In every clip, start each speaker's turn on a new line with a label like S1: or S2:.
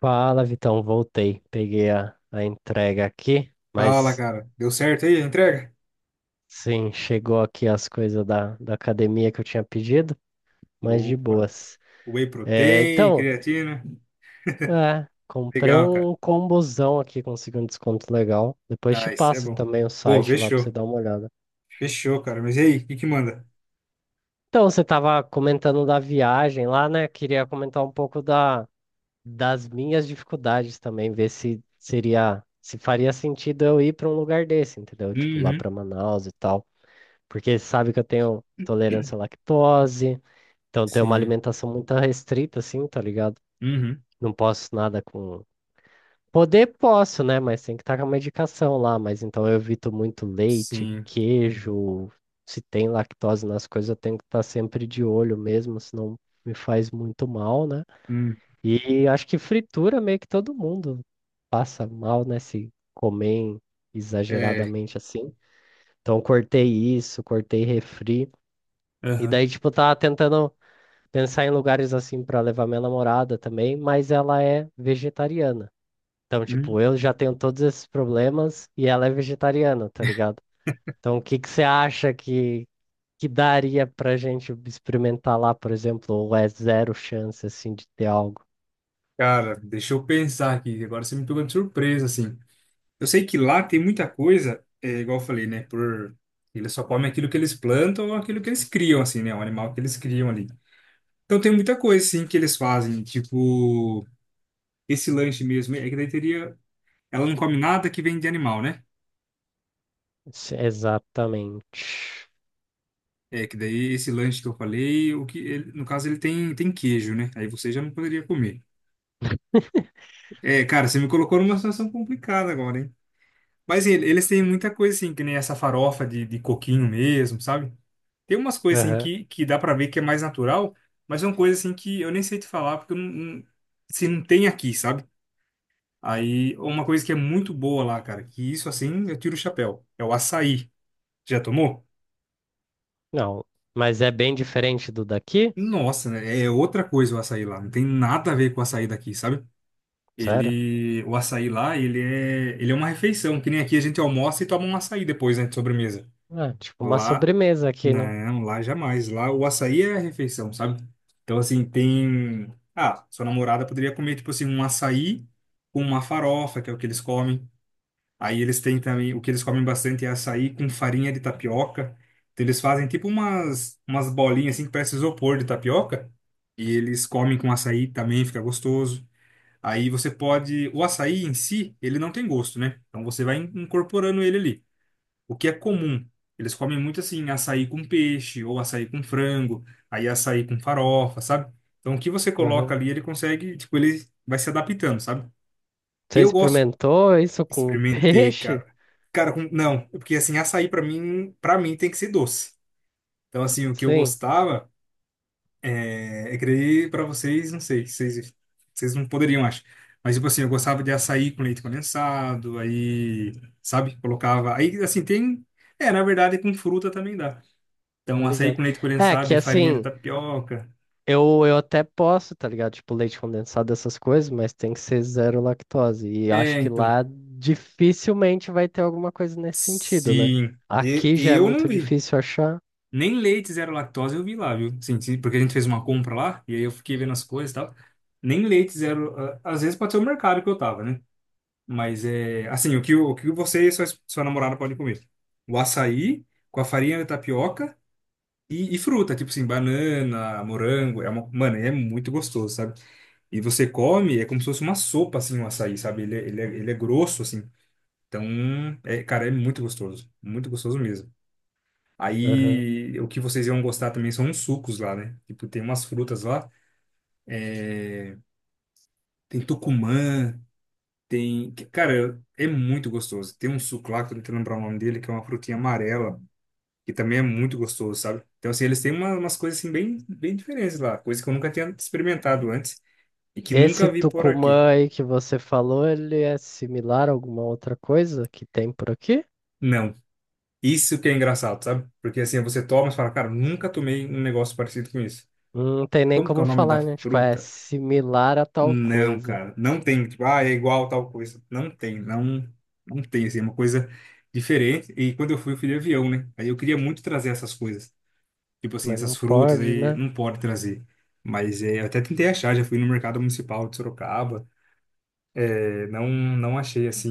S1: Fala, Vitão, voltei. Peguei a entrega aqui,
S2: Fala,
S1: mas
S2: cara. Deu certo aí a entrega?
S1: sim, chegou aqui as coisas da academia que eu tinha pedido, mas de
S2: Boa.
S1: boas.
S2: Whey
S1: É,
S2: protein,
S1: então,
S2: creatina.
S1: comprei
S2: Legal, cara.
S1: um combozão aqui, consegui um desconto legal. Depois te
S2: Nice, é
S1: passo
S2: bom.
S1: também o
S2: Pô,
S1: site lá pra você
S2: fechou.
S1: dar uma olhada.
S2: Fechou, cara. Mas e aí, o que que manda?
S1: Então, você tava comentando da viagem lá, né? Queria comentar um pouco da, das minhas dificuldades também, ver se seria, se faria sentido eu ir para um lugar desse, entendeu? Tipo, lá
S2: Uhum.
S1: para Manaus e tal. Porque sabe que eu tenho tolerância à lactose, então tenho uma
S2: Sim.
S1: alimentação muito restrita, assim, tá ligado?
S2: Uhum.
S1: Não posso nada com. Poder posso, né? Mas tem que estar com a medicação lá. Mas então eu evito muito leite,
S2: Sim.
S1: queijo. Se tem lactose nas coisas, eu tenho que estar sempre de olho mesmo, senão me faz muito mal, né?
S2: Hum.
S1: E acho que fritura meio que todo mundo passa mal, né? Se comer
S2: É.
S1: exageradamente assim. Então cortei isso, cortei refri. E
S2: Aham.
S1: daí, tipo, tava tentando pensar em lugares assim pra levar minha namorada também, mas ela é vegetariana. Então, tipo,
S2: Hum.
S1: eu já tenho todos esses problemas e ela é vegetariana, tá ligado? Então, o que que você acha que daria pra gente experimentar lá, por exemplo, ou é zero chance, assim, de ter algo?
S2: Cara, deixa eu pensar aqui. Agora você me pegou de surpresa, assim. Eu sei que lá tem muita coisa, igual eu falei, né? Por... Eles só comem aquilo que eles plantam ou aquilo que eles criam, assim, né? O animal que eles criam ali. Então tem muita coisa, assim, que eles fazem. Tipo, esse lanche mesmo. É que daí teria... Ela não come nada que vem de animal, né?
S1: Se- Exatamente.
S2: É que daí esse lanche que eu falei, no caso ele tem queijo, né? Aí você já não poderia comer. É, cara, você me colocou numa situação complicada agora, hein? Eles têm muita coisa, assim, que nem essa farofa de coquinho mesmo, sabe? Tem umas coisas assim
S1: Aham.
S2: que dá pra ver que é mais natural, mas são coisas assim que eu nem sei te falar porque eu não, não- se não tem aqui, sabe? Aí, uma coisa que é muito boa lá, cara, que isso assim eu tiro o chapéu, é o açaí. Já tomou?
S1: Não, mas é bem diferente do daqui?
S2: Nossa, né? É outra coisa o açaí lá. Não tem nada a ver com o açaí daqui, sabe?
S1: Sério?
S2: O açaí lá, ele é uma refeição, que nem aqui a gente almoça e toma um açaí depois, né, de sobremesa.
S1: Ah, tipo uma
S2: Lá,
S1: sobremesa aqui, né?
S2: não, lá jamais. Lá o açaí é a refeição, sabe? Então, assim, tem. Ah, sua namorada poderia comer, tipo assim, um açaí com uma farofa, que é o que eles comem. Aí eles têm também, o que eles comem bastante é açaí com farinha de tapioca. Então eles fazem tipo umas bolinhas assim que parece isopor de tapioca. E eles comem com açaí também, fica gostoso. Aí você pode, o açaí em si, ele não tem gosto, né? Então você vai incorporando ele ali. O que é comum. Eles comem muito assim, açaí com peixe, ou açaí com frango, aí açaí com farofa, sabe? Então o que você coloca
S1: Aham.
S2: ali, ele consegue, tipo, ele vai se adaptando, sabe?
S1: Você
S2: Eu gosto.
S1: experimentou isso com
S2: Experimentei,
S1: peixe?
S2: cara. Cara, não, porque assim, para mim tem que ser doce. Então, assim, o que eu
S1: Sim,
S2: gostava é creio para vocês, não sei, vocês não poderiam, acho. Mas tipo assim, eu gostava de açaí com leite condensado, aí, sabe, colocava, aí assim, tem, é, na verdade com fruta também dá.
S1: tô
S2: Então, açaí
S1: ligado.
S2: com leite
S1: É,
S2: condensado
S1: que
S2: e farinha de
S1: assim,
S2: tapioca.
S1: eu até posso, tá ligado? Tipo, leite condensado, essas coisas, mas tem que ser zero lactose. E acho
S2: É,
S1: que
S2: então.
S1: lá dificilmente vai ter alguma coisa nesse sentido, né?
S2: Sim. E,
S1: Aqui
S2: e
S1: já é
S2: eu não
S1: muito
S2: vi.
S1: difícil achar.
S2: Nem leite zero lactose eu vi lá, viu? Sim, sim, porque a gente fez uma compra lá, e aí eu fiquei vendo as coisas e tal. Nem leite zero. Às vezes pode ser o mercado que eu tava, né? Mas é. Assim, o que você e sua namorada podem comer? O açaí com a farinha de tapioca e fruta, tipo assim, banana, morango. É uma, mano, é muito gostoso, sabe? E você come, é como se fosse uma sopa, assim, o açaí, sabe? Ele é grosso, assim. Então, é, cara, é muito gostoso. Muito gostoso mesmo.
S1: Aham.
S2: Aí, o que vocês iam gostar também são uns sucos lá, né? Tipo, tem umas frutas lá. Tem tucumã, tem... Cara, é muito gostoso. Tem um suco lá, que eu não quero lembrar o nome dele, que é uma frutinha amarela, que também é muito gostoso, sabe? Então, assim, eles têm umas coisas, assim, bem diferentes lá. Coisa que eu nunca tinha experimentado antes e que
S1: Esse
S2: nunca vi por aqui.
S1: Tucumã aí que você falou, ele é similar a alguma outra coisa que tem por aqui?
S2: Não. Isso que é engraçado, sabe? Porque, assim, você toma e fala, cara, nunca tomei um negócio parecido com isso.
S1: Não tem nem
S2: Como que é
S1: como
S2: o nome da
S1: falar, né? Tipo, é
S2: fruta?
S1: similar a tal
S2: Não,
S1: coisa,
S2: cara, não tem, tipo, ah, é igual tal coisa. Não tem, assim, é uma coisa diferente. E quando eu fui de avião, né? Aí eu queria muito trazer essas coisas. Tipo assim,
S1: mas
S2: essas
S1: não
S2: frutas
S1: pode,
S2: aí,
S1: né?
S2: não pode trazer. Mas é, eu até tentei achar, já fui no mercado municipal de Sorocaba. É, não achei, assim,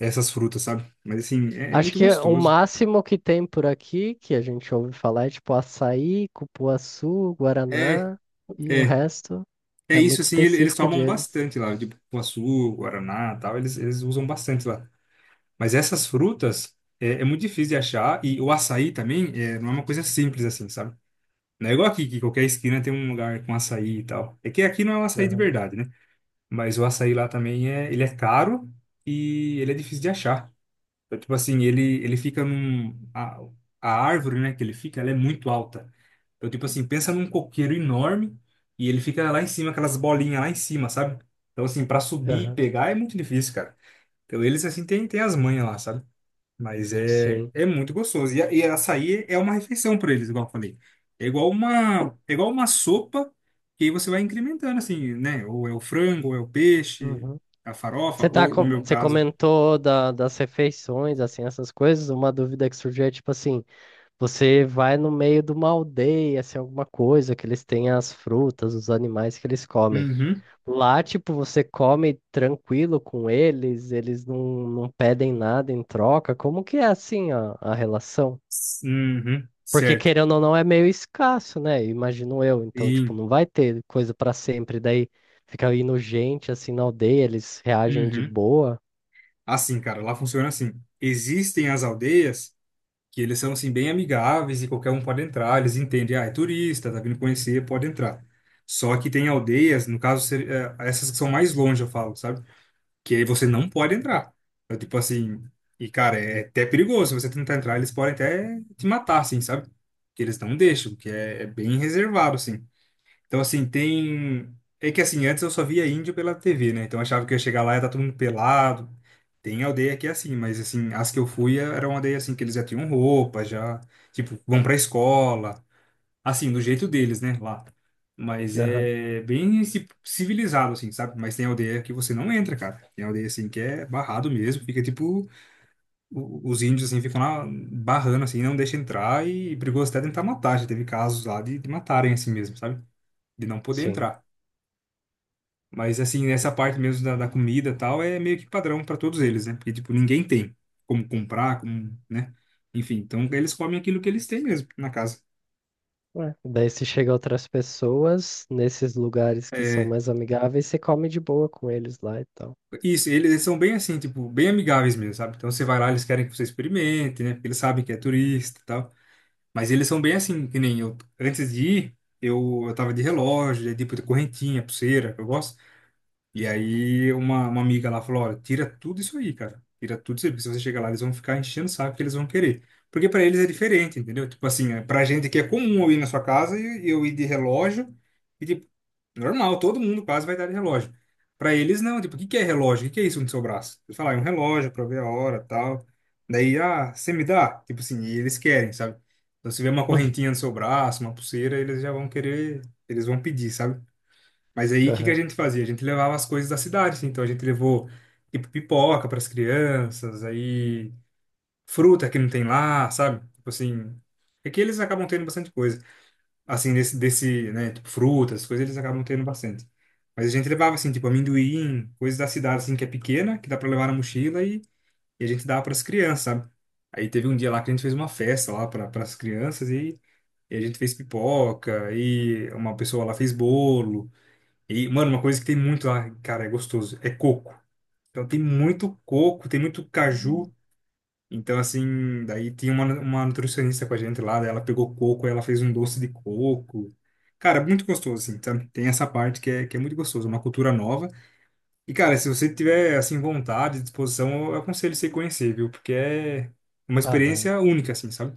S2: essas frutas, sabe? Mas, assim, é, é
S1: Acho
S2: muito
S1: que o
S2: gostoso.
S1: máximo que tem por aqui, que a gente ouve falar, é tipo açaí, cupuaçu,
S2: É,
S1: guaraná, e o
S2: é,
S1: resto
S2: é
S1: é
S2: isso,
S1: muito
S2: assim, eles
S1: específico
S2: tomam
S1: deles.
S2: bastante lá, tipo, cupuaçu, guaraná, tal, eles usam bastante lá. Mas essas frutas é, é muito difícil de achar e o açaí também é, não é uma coisa simples assim, sabe? Não é igual aqui, que qualquer esquina tem um lugar com açaí e tal. É que aqui não é um açaí de
S1: Aham,
S2: verdade, né? Mas o açaí lá também é, ele é caro e ele é difícil de achar. Então, tipo assim, ele fica num... a árvore, né, que ele fica, ela é muito alta. Então, tipo assim, pensa num coqueiro enorme e ele fica lá em cima, aquelas bolinhas lá em cima, sabe? Então, assim, para subir e
S1: aham.
S2: pegar é muito difícil, cara. Então, eles, assim, têm as manhas lá, sabe? Mas é,
S1: Sim.
S2: é muito gostoso. E, açaí é uma refeição para eles, igual eu falei. É igual uma sopa que aí você vai incrementando, assim, né? Ou é o frango, ou é o peixe,
S1: Uhum.
S2: a farofa,
S1: Você tá,
S2: ou no
S1: co-
S2: meu
S1: você
S2: caso.
S1: comentou da, das refeições, assim, essas coisas. Uma dúvida que surgiu é tipo assim: você vai no meio de uma aldeia, assim, alguma coisa que eles têm as frutas, os animais que eles comem.
S2: Uhum.
S1: Lá, tipo, você come tranquilo com eles, eles não, não pedem nada em troca. Como que é assim a relação?
S2: Uhum.
S1: Porque
S2: Certo.
S1: querendo ou não é meio escasso, né? Imagino eu. Então,
S2: E,
S1: tipo, não vai ter coisa pra sempre. Daí fica indo gente assim na aldeia, eles reagem de
S2: uhum.
S1: boa.
S2: Assim, cara, lá funciona assim. Existem as aldeias que eles são, assim, bem amigáveis e qualquer um pode entrar. Eles entendem, ah, é turista, tá vindo conhecer, pode entrar. Só que tem aldeias, no caso, essas que são mais longe, eu falo, sabe? Que aí você não pode entrar. Então, tipo assim, e cara, é até perigoso. Se você tentar entrar, eles podem até te matar, assim, sabe? Que eles não deixam, que é bem reservado, assim. Então, assim, tem. É que assim, antes eu só via índio pela TV, né? Então eu achava que eu ia chegar lá e ia tá todo mundo pelado. Tem aldeia que é assim, mas assim, as que eu fui era uma aldeia assim que eles já tinham roupa, já, tipo, vão pra escola. Assim, do jeito deles, né, lá. Mas
S1: Aham,
S2: é bem civilizado, assim, sabe? Mas tem aldeia que você não entra, cara. Tem aldeia, assim, que é barrado mesmo. Fica, tipo, os índios, assim, ficam lá barrando, assim, não deixa entrar e brigou até tentar matar. Já teve casos lá de matarem, assim mesmo, sabe? De não poder
S1: sim.
S2: entrar. Mas, assim, nessa parte mesmo da comida e tal, é meio que padrão para todos eles, né? Porque, tipo, ninguém tem como comprar, como, né? Enfim, então eles comem aquilo que eles têm mesmo na casa.
S1: Ué, daí se chega outras pessoas nesses lugares que são
S2: É,
S1: mais amigáveis, você come de boa com eles lá e tal.
S2: isso, eles são bem assim, tipo, bem amigáveis mesmo, sabe? Então você vai lá, eles querem que você experimente, né? Porque eles sabem que é turista e tal. Mas eles são bem assim, que nem eu. Antes de ir, eu tava de relógio, de, tipo de correntinha, pulseira, que eu gosto. E aí uma amiga lá falou: olha, tira tudo isso aí, cara. Tira tudo isso aí, porque se você chegar lá, eles vão ficar enchendo o saco que eles vão querer. Porque pra eles é diferente, entendeu? Tipo assim, é, pra gente que é comum eu ir na sua casa e eu ir de relógio. E, tipo, normal, todo mundo quase vai dar de relógio. Pra eles, não. Tipo, o que que é relógio? O que que é isso no seu braço? Eles falam, ah, é um relógio pra ver a hora tal. Daí, ah, você me dá? Tipo assim, e eles querem, sabe? Então, se vê uma correntinha no seu braço, uma pulseira, eles já vão querer, eles vão pedir, sabe? Mas aí, o que que a
S1: Aham.
S2: gente fazia? A gente levava as coisas da cidade, assim. Então, a gente levou, tipo, pipoca pras crianças, aí, fruta que não tem lá, sabe? Tipo assim, é que eles acabam tendo bastante coisa assim, desse, né, tipo, frutas, coisas eles acabam tendo bastante. Mas a gente levava, assim, tipo, amendoim, coisas da cidade, assim, que é pequena, que dá pra levar na mochila e a gente dava pras crianças, sabe? Aí teve um dia lá que a gente fez uma festa lá para as crianças e a gente fez pipoca e uma pessoa lá fez bolo. E, mano, uma coisa que tem muito lá, cara, é gostoso, é coco. Então tem muito coco, tem muito caju. Então, assim, daí tinha uma nutricionista com a gente lá, daí ela pegou coco, ela fez um doce de coco. Cara, muito gostoso, assim, sabe? Tem essa parte que é muito gostoso, uma cultura nova. E, cara, se você tiver, assim, vontade, disposição, eu aconselho você conhecer, viu? Porque é uma
S1: Aham.
S2: experiência única, assim, sabe?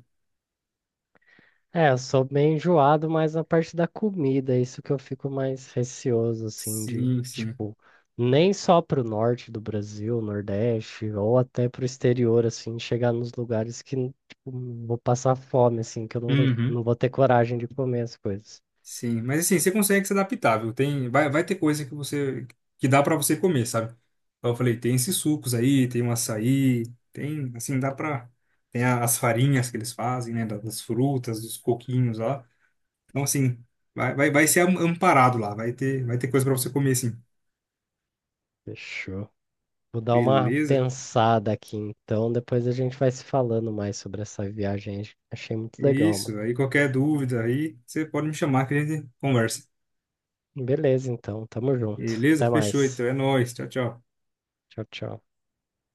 S1: É, eu sou bem enjoado, mas na parte da comida, é isso que eu fico mais receoso, assim, de,
S2: Sim, sim.
S1: tipo, nem só pro norte do Brasil, Nordeste, ou até pro exterior, assim, chegar nos lugares que, tipo, vou passar fome, assim, que eu não vou, não
S2: Uhum.
S1: vou ter coragem de comer as coisas.
S2: Sim, mas assim, você consegue se adaptar, viu? Tem, vai ter coisa que você que dá pra você comer, sabe? Então eu falei, tem esses sucos aí, tem o açaí, tem, assim, dá pra tem as farinhas que eles fazem, né, das frutas, dos coquinhos lá. Então assim, vai ser amparado lá, vai ter coisa pra você comer sim.
S1: Fechou. Vou dar uma
S2: Beleza?
S1: pensada aqui, então, depois a gente vai se falando mais sobre essa viagem. Achei muito legal, mano.
S2: Isso, aí qualquer dúvida aí, você pode me chamar que a gente conversa.
S1: Beleza, então, tamo junto.
S2: Beleza?
S1: Até
S2: Fechou, então
S1: mais.
S2: é nóis. Tchau, tchau.
S1: Tchau, tchau.